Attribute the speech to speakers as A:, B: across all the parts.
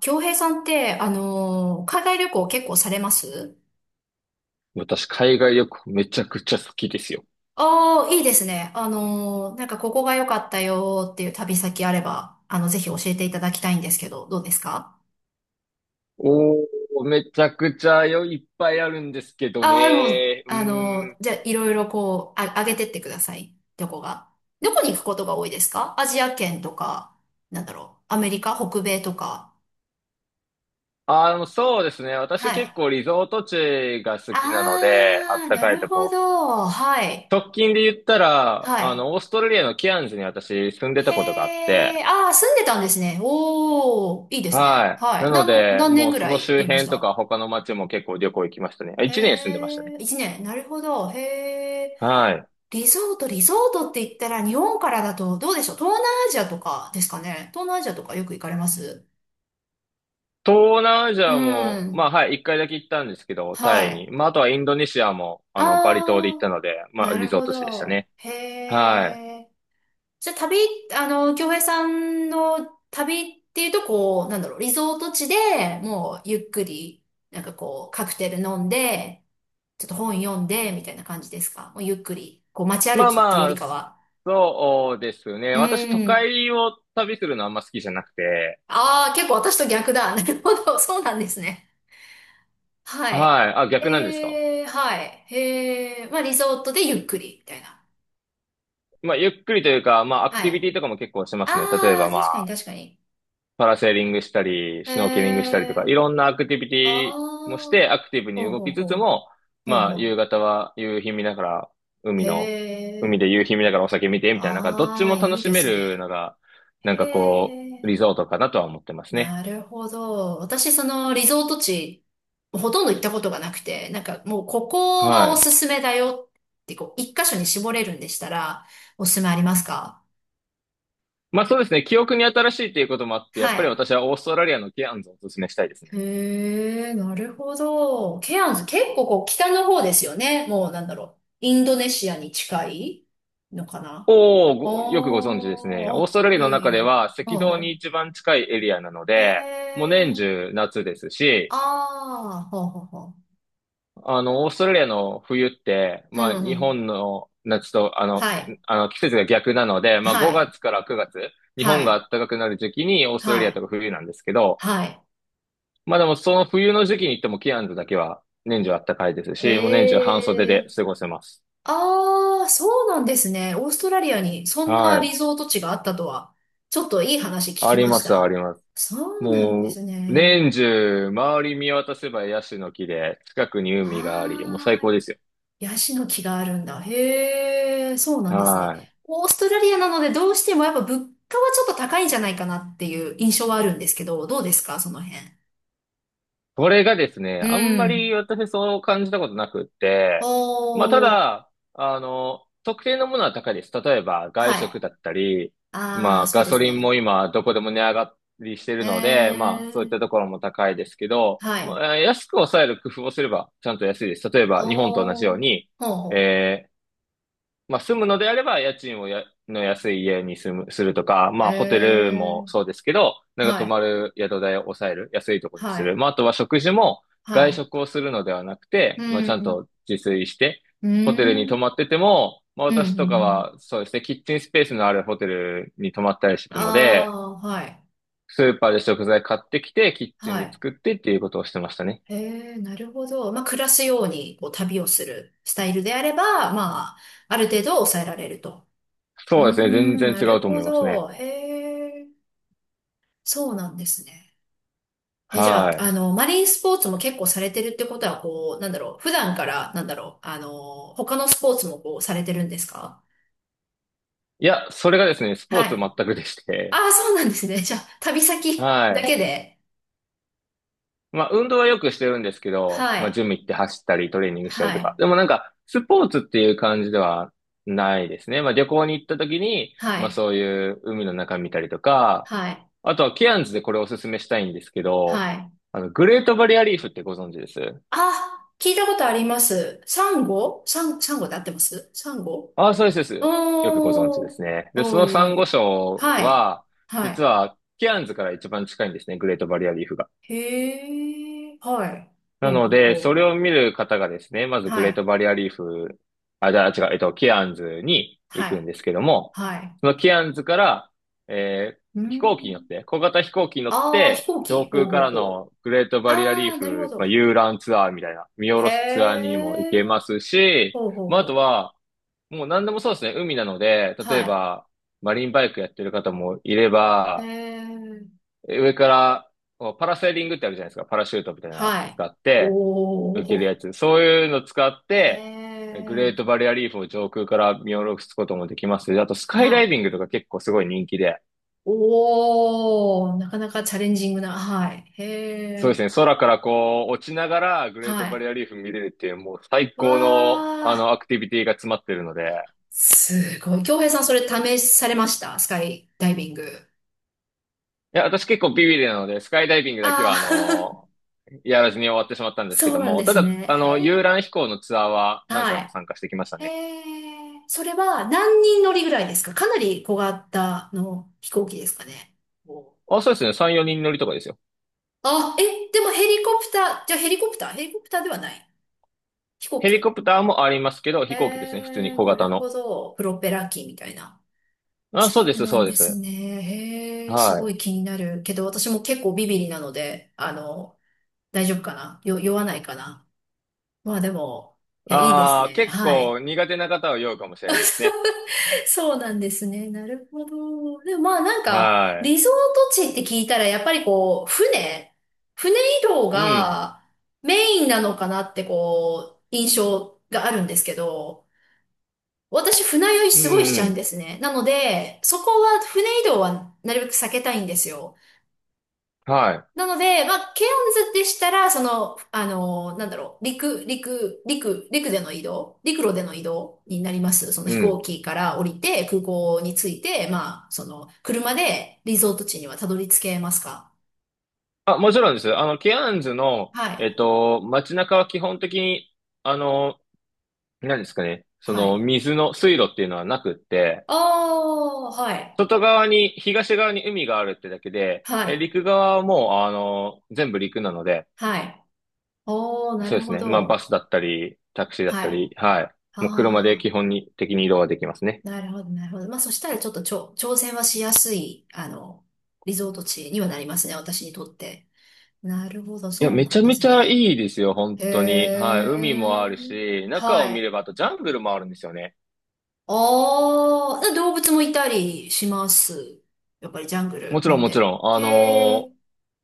A: 京平さんって、海外旅行結構されます？
B: 私、海外旅行めちゃくちゃ好きですよ。
A: ああー、いいですね。なんかここが良かったよーっていう旅先あれば、あの、ぜひ教えていただきたいんですけど、どうですか？
B: おー、めちゃくちゃよ、いっぱいあるんですけど
A: ああー、でも、
B: ね。
A: じゃあ、いろいろこう、あ、上げてってください。どこが。どこに行くことが多いですか？アジア圏とか、なんだろう、アメリカ、北米とか。
B: そうですね。
A: は
B: 私結
A: い。
B: 構リゾート地が好きなので、あ
A: あ
B: っ
A: あ、
B: た
A: な
B: かい
A: る
B: と
A: ほ
B: こ。
A: ど。はい。
B: 直近で言ったら、
A: はい。
B: オーストラリアのケアンズに私住んでたことがあっ
A: へ
B: て、
A: え、ああ、住んでたんですね。おー、いいですね。
B: はい。
A: は
B: な
A: い。
B: ので、
A: 何年
B: もう
A: ぐ
B: そ
A: ら
B: の
A: い
B: 周
A: いまし
B: 辺と
A: た？
B: か他の街も結構旅行行きましたね。あ、一年住んでましたね。
A: へえ、一年。なるほど。へえ。
B: はい。
A: リゾートって言ったら日本からだとどうでしょう？東南アジアとかですかね。東南アジアとかよく行かれます？
B: 東南アジ
A: う
B: アも、ま
A: ん。
B: あ、はい、一回だけ行ったんですけど、
A: は
B: タイ
A: い。
B: に。まあ、あとはインドネシアも、バリ島で行っ
A: あ
B: た
A: あ、
B: ので、まあ、
A: な
B: リ
A: る
B: ゾー
A: ほ
B: ト地でした
A: ど。
B: ね。
A: へ
B: はい。
A: え。じゃあ旅、あの、京平さんの旅っていうと、こう、なんだろう、リゾート地でもうゆっくり、なんかこう、カクテル飲んで、ちょっと本読んで、みたいな感じですか？もうゆっくり、こう街歩
B: まあ
A: きっていうよ
B: ま
A: り
B: あ、
A: かは。
B: そうですね。
A: う
B: 私都
A: ーん。
B: 会を旅するのあんま好きじゃなくて、
A: ああ、結構私と逆だ。なるほど。そうなんですね。はい。
B: はい。あ、逆なんですか？
A: えーはい。えーまあリゾートでゆっくり、みたいな。
B: まあ、ゆっくりというか、まあ、アク
A: は
B: テ
A: い。
B: ィビティとかも結構しますね。例え
A: あ
B: ば
A: あ、
B: ま
A: 確かに
B: あ、
A: 確かに。
B: パラセーリングしたり、
A: え
B: シュノーケリングしたりとか、い
A: ー
B: ろんなアクティビテ
A: あ
B: ィもして、
A: あ。
B: アクティブに
A: ほう
B: 動
A: ほう
B: きつつ
A: ほう。
B: も、
A: ほう
B: まあ、
A: ほ
B: 夕
A: う
B: 方は夕日見ながら、海
A: へ
B: の、海で
A: え。
B: 夕日見ながらお酒見て、みたいな、なんかどっち
A: あ
B: も
A: あ、
B: 楽
A: いい
B: し
A: で
B: め
A: す
B: る
A: ね。
B: のが、
A: へ
B: なんかこう、リ
A: え。
B: ゾートかなとは思ってますね。
A: なるほど。私、そのリゾート地、ほとんど行ったことがなくて、なんかもうここは
B: は
A: お
B: い。
A: すすめだよって、こう、一箇所に絞れるんでしたら、おすすめありますか？
B: まあ、そうですね、記憶に新しいということもあって、や
A: は
B: っぱり
A: い。
B: 私はオーストラリアのケアンズをお勧めしたいですね。
A: へえ、なるほど。ケアンズ、結構こう、北の方ですよね。もうなんだろう。インドネシアに近いのかな？
B: おー、ごよくご存知ですね。
A: お
B: オー
A: ー
B: スト
A: あ、
B: ラリア
A: いや
B: の
A: いやい
B: 中
A: や。
B: では赤
A: う
B: 道
A: んう
B: に
A: ん。
B: 一番近いエリアなの
A: へ
B: で、もう年
A: え。
B: 中夏ですし、
A: ああ、ほうほうほ
B: オーストラリアの冬って、
A: う。う
B: まあ、
A: んう
B: 日
A: ん。
B: 本の夏と、
A: はい。
B: 季節が逆なので、まあ、
A: はい。
B: 5月から9月、日
A: は
B: 本が
A: い。
B: 暖かくなる時期にオーストラリ
A: は
B: アと
A: い。
B: か冬なんですけど、
A: はい。
B: まあ、でもその冬の時期に行ってもキアンズだけは年中暖かいですし、もう年中半袖
A: へ
B: で
A: え。
B: 過ごせます。
A: ああ、そうなんですね。オーストラリアにそん
B: は
A: なリ
B: い。
A: ゾート地があったとは、ちょっといい話聞
B: あ
A: き
B: り
A: ま
B: ま
A: し
B: す、あ
A: た。
B: ります。
A: そうなんで
B: もう、
A: すね。
B: 年中、周り見渡せばヤシの木で、近くに海があり、もう
A: あ
B: 最
A: あ、
B: 高ですよ。
A: ヤシの木があるんだ。へえ、そうなんですね。
B: はい。
A: オーストラリアなのでどうしてもやっぱ物価はちょっと高いんじゃないかなっていう印象はあるんですけど、どうですか、その辺。
B: これがですね、
A: う
B: あんま
A: ん。
B: り私そう感じたことなくっ
A: お
B: て、まあ、た
A: ー
B: だ、特定のものは高いです。例えば、外
A: はい。
B: 食だったり、
A: あ
B: ま
A: あ、
B: あ、
A: そう
B: ガ
A: で
B: ソ
A: す
B: リン
A: ね。
B: も今、どこでも値上がりしてる
A: へ
B: ので、まあ、そういったと
A: え、
B: ころも高いですけど、
A: は
B: ま
A: い。
B: あ、安く抑える工夫をすれば、ちゃんと安いです。例えば、日本と同じよう
A: おー、
B: に、
A: ほうほ
B: えーまあ、住むのであれば、家賃の安い家に住む、するとか、
A: う。
B: ま
A: へ
B: あ、ホテルも
A: え、
B: そうですけど、なんか
A: は
B: 泊ま
A: い、
B: る宿代を抑える、安いとこに
A: は
B: する。
A: い、
B: まあ、あとは食事も
A: は
B: 外
A: い。
B: 食をするのではなく
A: う
B: て、まあ、ちゃん
A: ん、
B: と自炊して、
A: う
B: ホテルに泊
A: ん、
B: まってても、まあ、
A: うん、う
B: 私とか
A: ん。
B: は、そうですね、キッチンスペースのあるホテルに泊まったりしてた
A: あ
B: ので、
A: あ、はい、
B: スーパーで食材買ってきて、キッチン
A: は
B: で
A: い。
B: 作ってっていうことをしてましたね。
A: へえ、なるほど。まあ、暮らすように、こう、旅をするスタイルであれば、まあ、ある程度抑えられると。うー
B: そうですね、全
A: ん、な
B: 然違う
A: る
B: と思
A: ほ
B: いますね。
A: ど。へえ、そうなんですね。え、じゃ
B: は
A: あ、
B: い。
A: あの、マリンスポーツも結構されてるってことは、こう、なんだろう、普段から、なんだろう、あの、他のスポーツもこう、されてるんですか？
B: いや、それがですね、スポ
A: は
B: ーツ全
A: い。
B: くでし
A: あ
B: て、
A: あ、そうなんですね。じゃあ、旅先
B: は
A: だ
B: い。
A: けで。
B: まあ、運動はよくしてるんですけど、
A: は
B: まあ、ジ
A: い。
B: ム行って走ったり、トレーニングした
A: は
B: りとか。
A: い。
B: でもなんか、スポーツっていう感じではないですね。まあ、旅行に行った時に、
A: は
B: まあ、
A: い。
B: そういう海の中見たりとか、
A: はい。
B: あとはケアンズでこれおすすめしたいんですけど、
A: はい。
B: グレートバリアリーフってご存知です？
A: あ、聞いたことあります。サンゴで合ってます？サンゴ。
B: ああ、そうです、そうです。よくご存知で
A: おー。
B: すね。で、そ
A: おー、
B: の
A: い
B: サ
A: え
B: ン
A: い
B: ゴ
A: え。
B: 礁
A: はい。
B: は、実
A: は
B: は、ケアンズから一番近いんですね、グレートバリアリーフが。
A: い。へえ。はい。
B: な
A: ほう
B: の
A: ほう
B: で、そ
A: ほ
B: れを見る方がですね、ま
A: う。
B: ずグ
A: は
B: レー
A: い。
B: トバリアリーフ、あ、じゃあ違う、えっと、ケアンズに行
A: は
B: くん
A: い。
B: ですけども、
A: はい。
B: そのケアンズから、
A: う
B: 飛行機に乗っ
A: ん。
B: て、小型飛行機に乗っ
A: ああ、飛
B: て、
A: 行
B: 上
A: 機。ほう
B: 空か
A: ほう
B: ら
A: ほう。
B: のグレートバリアリ
A: あ
B: ー
A: あ、なるほ
B: フ、まあ、
A: ど。
B: 遊覧ツアーみたいな、見下
A: へ
B: ろすツアーにも行
A: え。
B: けますし、
A: ほうほう
B: まあ、あ
A: ほ
B: と
A: う。
B: は、もう何でもそうですね、海なので、
A: は
B: 例え
A: い。
B: ば、マリンバイクやってる方もいれ
A: え
B: ば、
A: え。
B: 上から、パラセーリングってあるじゃないですか。パラシュートみたいなの
A: はい。
B: 使って、
A: お
B: 受ける
A: お。
B: やつ。そういうの使っ
A: え
B: て、グレート
A: え。
B: バリアリーフを上空から見下ろすこともできますし、あとスカ
A: は
B: イダイ
A: い。
B: ビングとか結構すごい人気で、
A: おお。なかなかチャレンジングな。はい。へ
B: そうで
A: え。
B: すね、空からこう落ちながらグレー
A: は
B: トバ
A: い。
B: リアリーフ見れるっていう、もう最
A: わ
B: 高のあの
A: あ。
B: アクティビティが詰まってるので、
A: すごい。京平さん、それ試されました？スカイダイビング。
B: いや、私結構ビビリなので、スカイダイビングだけ
A: あ
B: は
A: あー、
B: やらずに終わってしまった んですけ
A: そ
B: ど
A: うなん
B: も、
A: で
B: た
A: す
B: だ、
A: ね。へ
B: 遊
A: え。
B: 覧飛行のツアーは何回
A: は
B: も参加してきました
A: い。
B: ね。
A: それは何人乗りぐらいですか？かなり小型の飛行機ですかね。お
B: あ、そうですね。3、4人乗りとかですよ。
A: あ、え、でもヘリコプター、じゃあヘリコプター、ヘリコプターではない。飛行
B: ヘリ
A: 機。
B: コプターもありますけど、
A: え
B: 飛行機ですね。普通に
A: ー、
B: 小
A: な
B: 型
A: るほ
B: の。
A: ど。プロペラ機みたいな。
B: あ、そう
A: そ
B: で
A: う
B: す、
A: な
B: そ
A: ん
B: うで
A: です
B: す。
A: ね。へえ、す
B: は
A: ご
B: い。
A: い気になる。けど私も結構ビビリなので、あの、大丈夫かなよ、酔わないかな？まあでも、いや、いいです
B: ああ、
A: ね。
B: 結
A: は
B: 構
A: い。
B: 苦手な方は酔うかもしれないですね。
A: そうなんですね。なるほど。でもまあなんか、
B: は
A: リゾート地って聞いたら、やっぱりこう、船移動
B: い。うん。
A: がメインなのかなってこう、印象があるんですけど、私船酔い
B: う
A: すごいし
B: ん、
A: ち
B: う
A: ゃうん
B: ん。
A: ですね。なので、そこは船移動はなるべく避けたいんですよ。
B: は
A: なので、まあ、ケオンズでしたら、その、あの、なんだろう、陸での移動、陸路での移動になります。その
B: い。う
A: 飛行
B: ん。
A: 機から降りて、空港に着いて、まあ、その、車でリゾート地にはたどり着けますか？
B: あ、もちろんです。ケアンズの、
A: は
B: えっ
A: い。
B: と、街中は基本的に、あの、何ですかね。そ
A: は
B: の、
A: い。
B: 水の水路っていうのはなくって、
A: あー、はい。
B: 外側に、東側に海があるってだけで、
A: は
B: え、
A: い。
B: 陸側はもう、全部陸なので、
A: はい。おー、な
B: そう
A: る
B: です
A: ほ
B: ね。まあ、バ
A: ど。
B: スだったり、タクシーだった
A: はい。
B: り、はい。もう車で
A: あ
B: 基本に的に移動はできますね。
A: ー、なるほど、なるほど。まあ、そしたらちょっとちょ、挑戦はしやすい、あの、リゾート地にはなりますね、私にとって。なるほど、
B: いや、
A: そう
B: め
A: な
B: ち
A: ん
B: ゃ
A: で
B: めち
A: す
B: ゃ
A: ね。
B: いいですよ、本
A: へ
B: 当に。はい。海もある
A: え。
B: し、中を
A: は
B: 見れ
A: い。
B: ば、あとジャングルもあるんですよね。
A: ああ、で動物もいたりします？やっぱりジャング
B: も
A: ル
B: ち
A: な
B: ろん、
A: ん
B: もち
A: で。
B: ろん。
A: へえ。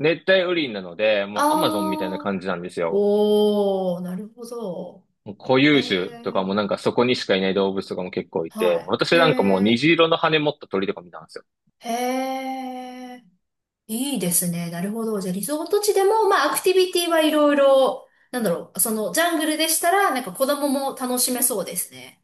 B: 熱帯雨林なので、
A: あ
B: もうアマゾンみたいな
A: あ。
B: 感じなんですよ。
A: おー、なるほど。
B: もう固
A: へ
B: 有種とかも
A: え。
B: なんかそこにしかいない動物とかも結構い
A: は
B: て、
A: い。
B: 私なんかもう
A: へえ。
B: 虹色の羽持った鳥とか見たんですよ。
A: へえ。いいですね。なるほど。じゃあ、リゾート地でも、まあ、アクティビティはいろいろ、なんだろう、その、ジャングルでしたら、なんか子供も楽しめそうですね。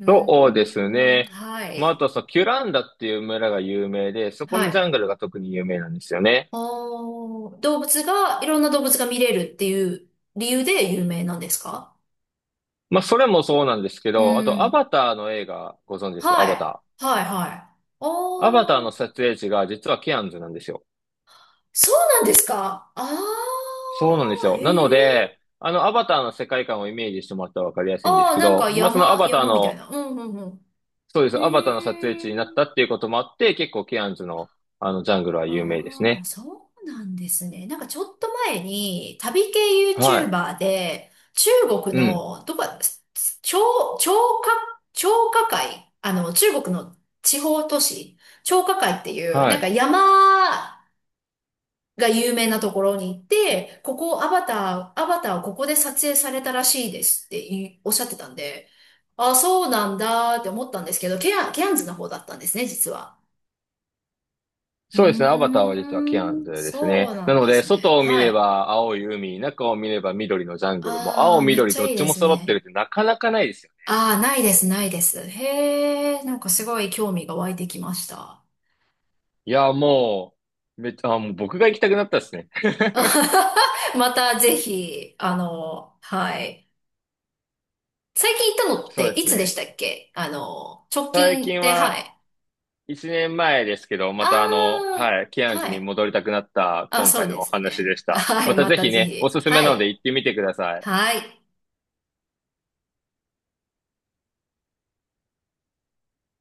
A: うん、
B: そうです
A: うん
B: ね。
A: は
B: まあ、あ
A: い。
B: とそう、キュランダっていう村が有名で、そこ
A: は
B: のジ
A: い。
B: ャングルが特に有名なんですよね。
A: おー、動物が、いろんな動物が見れるっていう理由で有名なんですか？
B: まあ、それもそうなんですけ
A: う
B: ど、あと、ア
A: ん。
B: バターの映画、ご存知です、
A: は
B: アバタ
A: い。
B: ー。
A: はい、はい。
B: アバター
A: お
B: の
A: ー、
B: 撮影地が実はケアンズなんですよ。
A: そうなんですか？あ
B: そうなんです
A: ー、
B: よ。
A: へ
B: な
A: ー。
B: ので、アバターの世界観をイメージしてもらったらわかりやすいんです
A: あー、
B: け
A: なんか
B: ど、まあ、そのアバター
A: 山みたい
B: の、
A: な。うん、うん、うん。
B: そうです、アバターの
A: へ
B: 撮影地になった
A: ー。
B: っていうこともあって、結構ケアンズの、ジャングルは有名です
A: ああ、
B: ね。
A: そうなんですね。なんかちょっと前に旅系
B: は
A: YouTuber で中国
B: い。うん。
A: のどこ、張、張家、張家界、あの中国の地方都市、張家界っていう
B: は
A: なんか
B: い。
A: 山が有名なところに行って、ここアバターをここで撮影されたらしいですっていおっしゃってたんで、ああ、そうなんだって思ったんですけど、ケアンズの方だったんですね、実は。う
B: そうですね。アバター
A: ー
B: は実はキアンズ
A: ん、
B: です
A: そう
B: ね。
A: な
B: な
A: ん
B: の
A: で
B: で、
A: すね。
B: 外を見
A: は
B: れ
A: い。
B: ば青い海、中を見れば緑のジャングル、もう青
A: ああ、めっ
B: 緑
A: ちゃ
B: どっ
A: いい
B: ち
A: で
B: も
A: す
B: 揃ってる
A: ね。
B: ってなかなかないですよね。
A: ああ、ないです、ないです。へえ、なんかすごい興味が湧いてきました。
B: いや、もう、めっちゃ、あ、もう僕が行きたくなったですね。
A: またぜひ、あの、はい。最近行ったのっ
B: そう
A: て
B: で
A: い
B: す
A: つでし
B: ね。
A: たっけ？あの、直
B: 最
A: 近
B: 近
A: で、は
B: は
A: い。
B: 1年前ですけど、
A: あ
B: またあの、
A: あ、
B: はい、キアンズ
A: は
B: に
A: い。
B: 戻りたくなった
A: あ、
B: 今
A: そう
B: 回
A: で
B: のお
A: す
B: 話
A: ね。
B: でし た。
A: は
B: ま
A: い、
B: た
A: ま
B: ぜ
A: た
B: ひ
A: ぜ
B: ね、お
A: ひ。
B: すすめ
A: は
B: なので
A: い。
B: 行ってみてください。
A: はい。